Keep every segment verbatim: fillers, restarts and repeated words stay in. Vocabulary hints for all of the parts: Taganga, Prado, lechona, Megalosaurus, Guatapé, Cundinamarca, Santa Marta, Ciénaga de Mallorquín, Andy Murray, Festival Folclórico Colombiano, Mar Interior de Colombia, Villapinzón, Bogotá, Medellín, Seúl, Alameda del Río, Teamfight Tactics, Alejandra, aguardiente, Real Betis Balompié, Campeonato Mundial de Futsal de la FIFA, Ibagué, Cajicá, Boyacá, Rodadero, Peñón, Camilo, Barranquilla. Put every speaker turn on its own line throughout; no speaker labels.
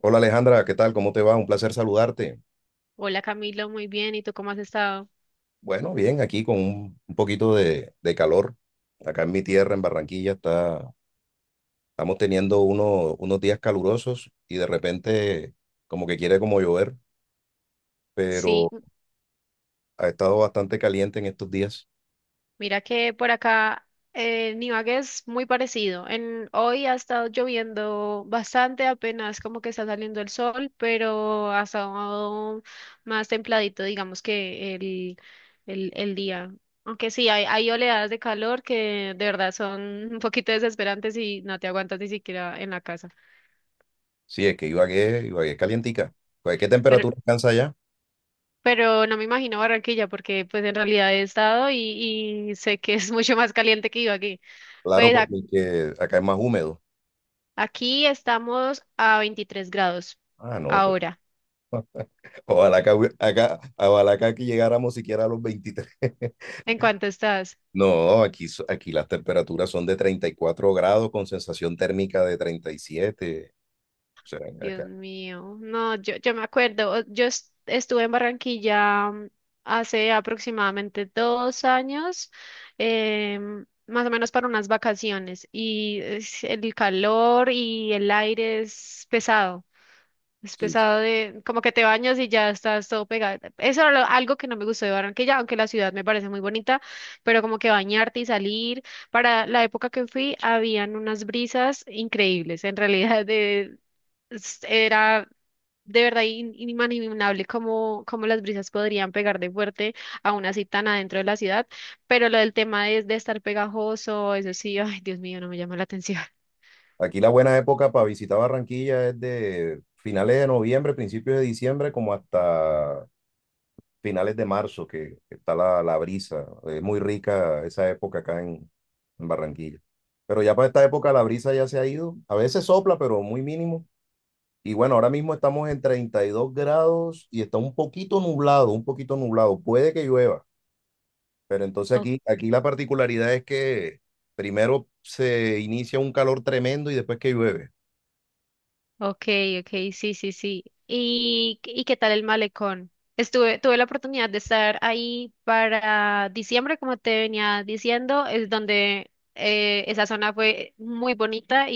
Hola Alejandra, ¿qué tal? ¿Cómo te va? Un placer saludarte.
Hola Camilo, muy bien. ¿Y tú cómo has estado?
Bueno, bien, aquí con un, un poquito de, de calor. Acá en mi tierra, en Barranquilla, está, estamos teniendo uno- unos días calurosos y de repente como que quiere como llover,
Sí,
pero
m-
ha estado bastante caliente en estos días.
mira que por acá eh, en Ibagué es muy parecido. En, hoy ha estado lloviendo bastante, apenas como que está saliendo el sol, pero ha estado más templadito, digamos que el, el, el día. Aunque sí, hay, hay oleadas de calor que de verdad son un poquito desesperantes y no te aguantas ni siquiera en la casa.
Sí, es que Ibagué, Ibagué es calientica. Pues, ¿qué temperatura alcanza allá?
Pero no me imagino Barranquilla porque pues en realidad he estado y, y sé que es mucho más caliente que aquí.
Claro,
Pues ac-
porque acá es más húmedo.
Aquí estamos a veintitrés grados
Ah, no, pues,
ahora.
ojalá que, acá, ojalá que aquí llegáramos siquiera a los veintitrés.
¿En cuánto estás?
No, aquí, so- aquí las temperaturas son de treinta y cuatro grados con sensación térmica de treinta y siete. O sea,
Dios
acá,
mío. No, yo, yo me acuerdo. o- Yo es- estuve en Barranquilla mm, hace aproximadamente dos años, em, más o menos para unas vacaciones y es- el calor y el aire es pesado. Es
sí, sí.
pesado de, como que te bañas y ya estás todo pegado. Eso era lo- algo que no me gustó de Barranquilla, aunque la ciudad me parece muy bonita, pero como que bañarte y salir. Para la época que fui, habían unas brisas increíbles. En realidad, de, es- era de verdad in- inimaginable cómo, cómo las brisas podrían pegar de fuerte, aún así tan adentro de la ciudad. Pero lo del tema de, de estar pegajoso, eso sí, ay, Dios mío, no me llama la atención.
Aquí la buena época para visitar Barranquilla es de finales de noviembre, principios de diciembre, como hasta finales de marzo, que está la, la brisa. Es muy rica esa época acá en, en Barranquilla. Pero ya para esta época la brisa ya se ha ido. A veces sopla, pero muy mínimo. Y bueno, ahora mismo estamos en treinta y dos grados y está un poquito nublado, un poquito nublado. Puede que llueva. Pero entonces aquí, aquí la particularidad es que primero se inicia un calor tremendo y después que llueve,
Okay, okay, sí, sí, sí. ¿Y, y qué tal el malecón? Estuve, tuve la oportunidad de estar ahí para diciembre, como te venía diciendo, es donde eh, esa zona fue muy bonita.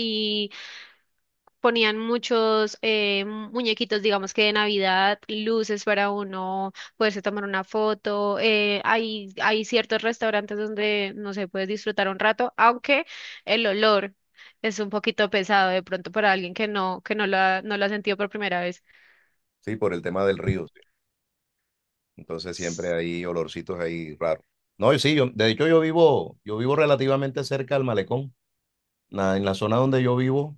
Ponían muchos eh, muñequitos, digamos que de Navidad, luces para uno poderse tomar una foto. eh, hay, hay ciertos restaurantes donde, no sé, puedes disfrutar un rato, aunque el olor es un poquito pesado de pronto para alguien que no, que no lo ha, no lo ha sentido por primera vez.
¿sí? Por el tema del río, ¿sí? Entonces siempre
S-
hay olorcitos ahí raros. No, y sí, yo, de hecho yo vivo, yo vivo relativamente cerca al malecón. Na- en la zona donde yo vivo,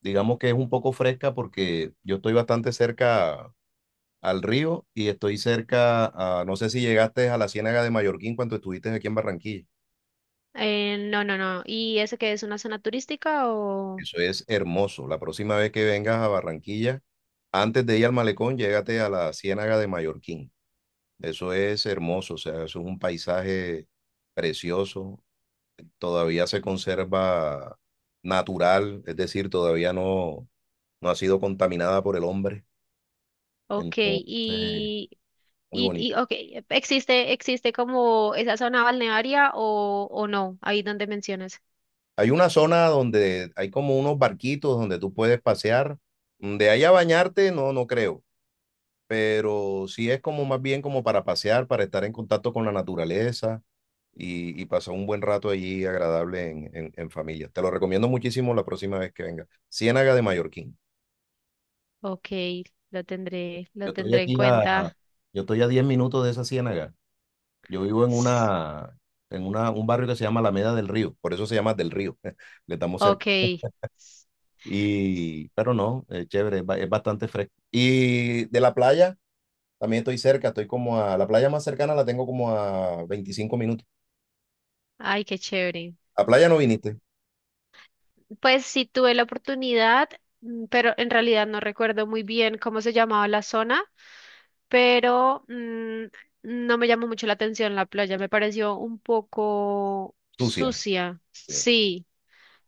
digamos que es un poco fresca porque yo estoy bastante cerca al río y estoy cerca a, no sé si llegaste a la Ciénaga de Mallorquín cuando estuviste aquí en Barranquilla.
Eh, no, no, no. ¿Y eso qué es una zona turística o...?
Eso es hermoso. La próxima vez que vengas a Barranquilla, antes de ir al malecón, llégate a la Ciénaga de Mallorquín. Eso es hermoso, o sea, eso es un paisaje precioso. Todavía se conserva natural, es decir, todavía no, no ha sido contaminada por el hombre.
Ok,
Entonces,
y,
muy
y,
bonito.
y ok, ¿existe, existe como esa zona balnearia o, o no? Ahí donde mencionas.
Hay una zona donde hay como unos barquitos donde tú puedes pasear. De ahí a bañarte, no, no creo. Pero sí es como más bien como para pasear, para estar en contacto con la naturaleza y, y pasar un buen rato allí agradable en, en- en familia. Te lo recomiendo muchísimo la próxima vez que venga. Ciénaga de Mallorquín.
Ok, lo tendré,
Yo
lo
estoy
tendré en
aquí a,
cuenta.
yo estoy a diez minutos de esa ciénaga. Yo vivo en
S-
una, en una, un barrio que se llama Alameda del Río, por eso se llama Del Río, le estamos cerca.
Ok, s-
Y, pero no, es chévere, es, ba- es bastante fresco. Y de la playa, también estoy cerca, estoy como a, la playa más cercana la tengo como a veinticinco minutos.
ay, qué chévere.
A playa no viniste,
Pues sí tuve la oportunidad, mm, pero en realidad no recuerdo muy bien cómo se llamaba la zona, pero mm, no me llamó mucho la atención la playa, me pareció un poco
sucia.
sucia.
Sí.
Sí,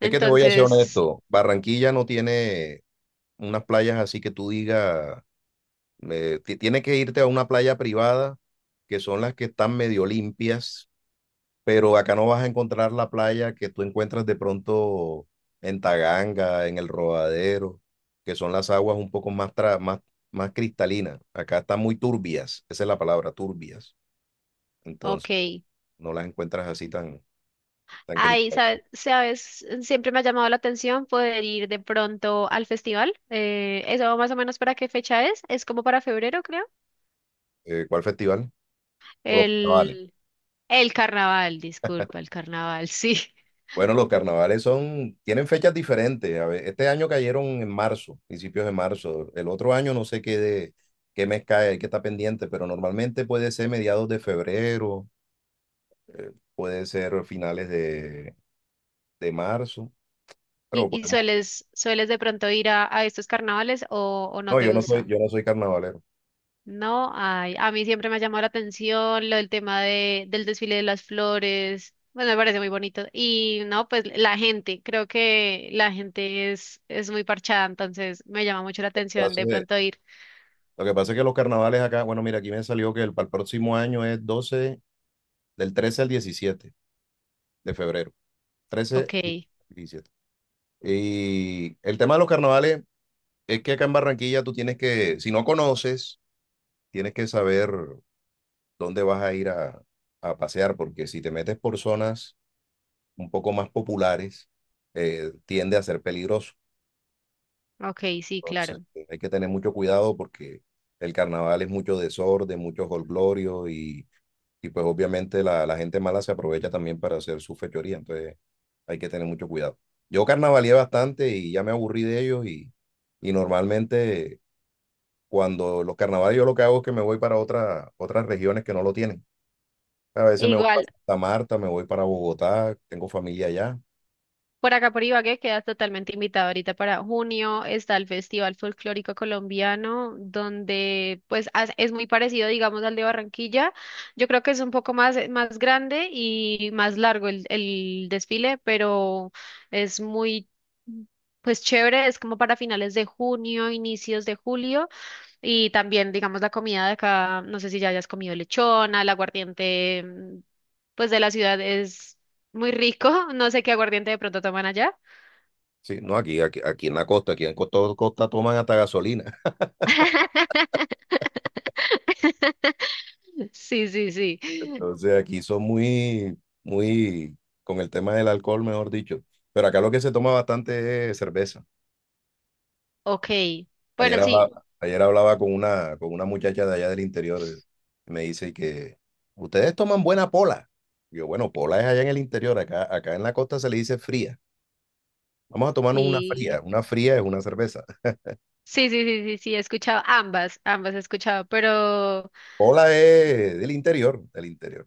Es que te voy a ser honesto, Barranquilla no tiene unas playas así que tú digas, eh, ti- tiene que irte a una playa privada, que son las que están medio limpias, pero acá no vas a encontrar la playa que tú encuentras de pronto en Taganga, en el Rodadero, que son las aguas un poco más, tra- más, más cristalinas. Acá están muy turbias, esa es la palabra, turbias. Entonces,
ok.
no las encuentras así tan, tan
Ay,
cristalinas.
sabe- sabes, siempre me ha llamado la atención poder ir de pronto al festival. Eh, ¿eso más o menos para qué fecha es? Es como para febrero, creo.
Eh, ¿cuál festival? Por los carnavales.
El, el carnaval, disculpa, el carnaval, sí.
Bueno, los carnavales son, tienen fechas diferentes. A ver, este año cayeron en marzo, principios de marzo. El otro año no sé qué, de, qué mes cae, hay que estar pendiente, pero normalmente puede ser mediados de febrero, puede ser finales de, de marzo. Pero
¿Y, y
podemos,
sueles, sueles de pronto ir a, a estos carnavales o, o no
no,
te
yo no soy,
gusta?
yo no soy carnavalero.
No hay. A mí siempre me ha llamado la atención lo del tema de, del desfile de las flores. Bueno, me parece muy bonito. Y no, pues la gente, creo que la gente es, es muy parchada, entonces me llama mucho la
Lo que
atención
pasa
de
es
pronto ir.
lo que pasa es que los carnavales acá, bueno, mira, aquí me salió que el, para el próximo año es doce del trece al diecisiete de febrero. Trece
Ok,
y diecisiete. Y el tema de los carnavales es que acá en Barranquilla tú tienes que, si no conoces, tienes que saber dónde vas a ir a, a pasear, porque si te metes por zonas un poco más populares, eh, tiende a ser peligroso.
ok, sí,
Entonces,
claro.
eh, hay que tener mucho cuidado porque el carnaval es mucho desorden, mucho jolgorio y, y pues obviamente la, la gente mala se aprovecha también para hacer su fechoría, entonces hay que tener mucho cuidado. Yo carnavaleé bastante y ya me aburrí de ellos y, y normalmente cuando los carnavales yo lo que hago es que me voy para otra- otras regiones que no lo tienen. A veces me voy para
Igual.
Santa Marta, me voy para Bogotá, tengo familia allá.
Por acá por Ibagué quedas totalmente invitado ahorita para junio. Está el Festival Folclórico Colombiano, donde pues as- es muy parecido, digamos, al de Barranquilla. Yo creo que es un poco más, más grande y más largo el, el desfile, pero es muy, pues chévere. Es como para finales de junio, inicios de julio. Y también, digamos, la comida de acá, no sé si ya hayas comido lechona, el aguardiente, mm, pues de la ciudad es muy rico. No sé qué aguardiente de pronto toman allá.
Sí, no, aquí, aquí, aquí en la costa, aquí en Costa, Costa toman hasta gasolina.
Sí, sí, sí.
Entonces aquí son muy, muy con el tema del alcohol, mejor dicho. Pero acá lo que se toma bastante es cerveza.
Ok.
Ayer
Bueno, sí,
hablaba, ayer hablaba con una, con una muchacha de allá del interior. Eh, y me dice que ustedes toman buena pola. Yo, bueno, pola es allá en el interior, acá, acá en la costa se le dice fría. Vamos a tomarnos una
sí.
fría. Una fría es una cerveza.
Sí, sí, sí, sí, sí, he escuchado ambas, ambas he escuchado, pero,
Hola es del interior, del interior.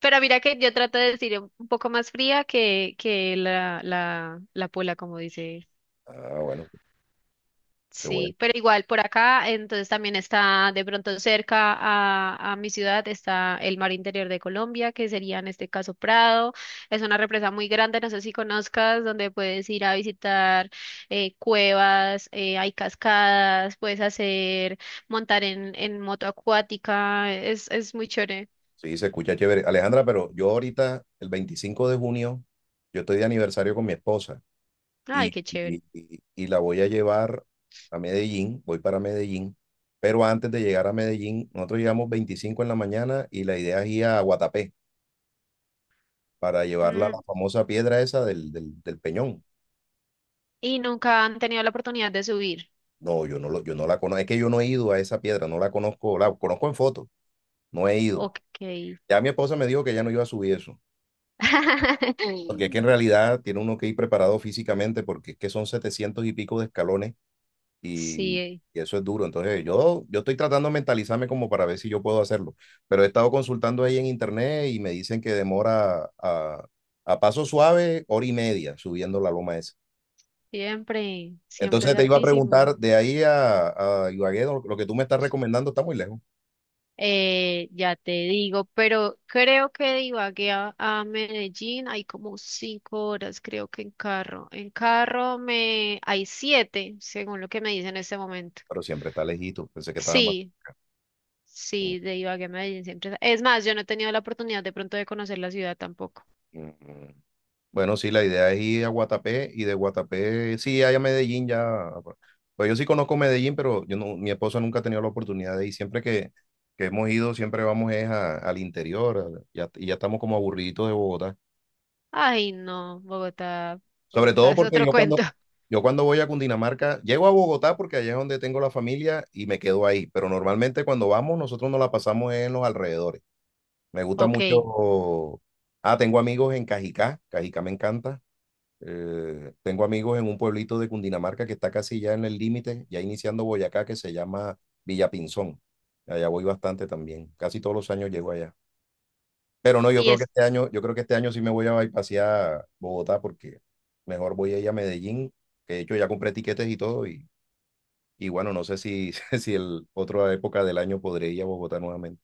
pero mira que yo trato de decir un un poco más fría que, que la, la, la pola, como dice.
Ah, bueno, qué bueno.
Sí, pero igual por acá, entonces también está de pronto cerca a, a mi ciudad, está el Mar Interior de Colombia, que sería en este caso Prado. Es una represa muy grande, no sé si conozcas, donde puedes ir a visitar eh, cuevas, eh, hay cascadas, puedes hacer, montar en, en moto acuática, es, es muy chévere.
Sí, se escucha chévere. Alejandra, pero yo ahorita, el veinticinco de junio, yo estoy de aniversario con mi esposa
Ay,
y,
qué chévere.
y- y- y la voy a llevar a Medellín, voy para Medellín, pero antes de llegar a Medellín, nosotros llegamos veinticinco en la mañana y la idea es ir a Guatapé para llevarla a
Mm,
la famosa piedra esa del, del- del Peñón.
y nunca han tenido la oportunidad de subir.
No, yo no, lo, yo no la conozco, es que yo no he ido a esa piedra, no la conozco, la conozco en foto, no he ido.
Ok.
Ya mi esposa me dijo que ya no iba a subir eso, porque es que en realidad tiene uno que ir preparado físicamente, porque es que son setecientos y pico de escalones y,
Sí,
y eso es duro. Entonces yo, yo estoy tratando de mentalizarme como para ver si yo puedo hacerlo, pero he estado consultando ahí en internet y me dicen que demora a, a paso suave hora y media subiendo la loma esa.
siempre, siempre
Entonces
es
te iba a
hartísimo.
preguntar, de ahí a, a Ibagué, lo lo que tú me estás recomendando está muy lejos,
Eh, ya te digo, pero creo que de Ibagué a, a Medellín hay como cinco horas, creo que en carro. En carro me hay siete, según lo que me dice en este momento.
pero siempre está lejito. Pensé que estaba más...
Sí, sí, de Ibagué a Medellín siempre. Es es más, yo no he tenido la oportunidad de pronto de conocer la ciudad tampoco.
Bueno, sí, la idea es ir a Guatapé y de Guatapé, sí, allá a Medellín ya. Pues yo sí conozco Medellín, pero yo no, mi esposa nunca ha tenido la oportunidad de ir. Siempre que, que hemos ido, siempre vamos es a- al interior a- y ya- y ya estamos como aburriditos de Bogotá.
Ay, no, Bogotá,
Sobre
Bogotá
todo
es
porque
otro
yo cuando,
cuento.
yo cuando voy a Cundinamarca, llego a Bogotá porque allá es donde tengo la familia y me quedo ahí. Pero normalmente cuando vamos, nosotros nos la pasamos en los alrededores. Me gusta
Ok,
mucho. Ah, tengo amigos en Cajicá. Cajicá me encanta. Eh, tengo amigos en un pueblito de Cundinamarca que está casi ya en el límite, ya iniciando Boyacá, que se llama Villapinzón. Allá voy bastante también. Casi todos los años llego allá. Pero no, yo
y
creo que
es,
este año, yo creo que este año sí me voy a pasear Bogotá porque mejor voy a ir a Medellín, que de hecho ya compré tiquetes y todo y, y bueno, no sé si, si el otra época del año podré ir a Bogotá nuevamente.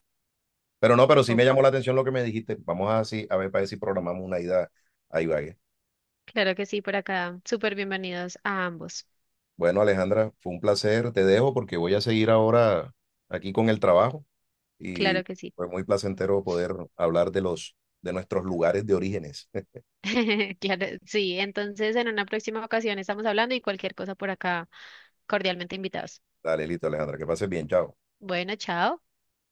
Pero no, pero sí
oh,
me llamó la atención lo que me dijiste. Vamos a, sí, a ver para ver si programamos una ida a Ibagué.
claro que sí, por acá. Súper bienvenidos a ambos.
Bueno, Alejandra, fue un placer. Te dejo porque voy a seguir ahora aquí con el trabajo y
Claro que sí.
fue muy placentero poder hablar de los de nuestros lugares de orígenes.
Claro, sí, entonces en una próxima ocasión estamos hablando y cualquier cosa por acá, cordialmente invitados.
Dale, listo, Alejandra, que pases bien, chao.
Bueno, chao.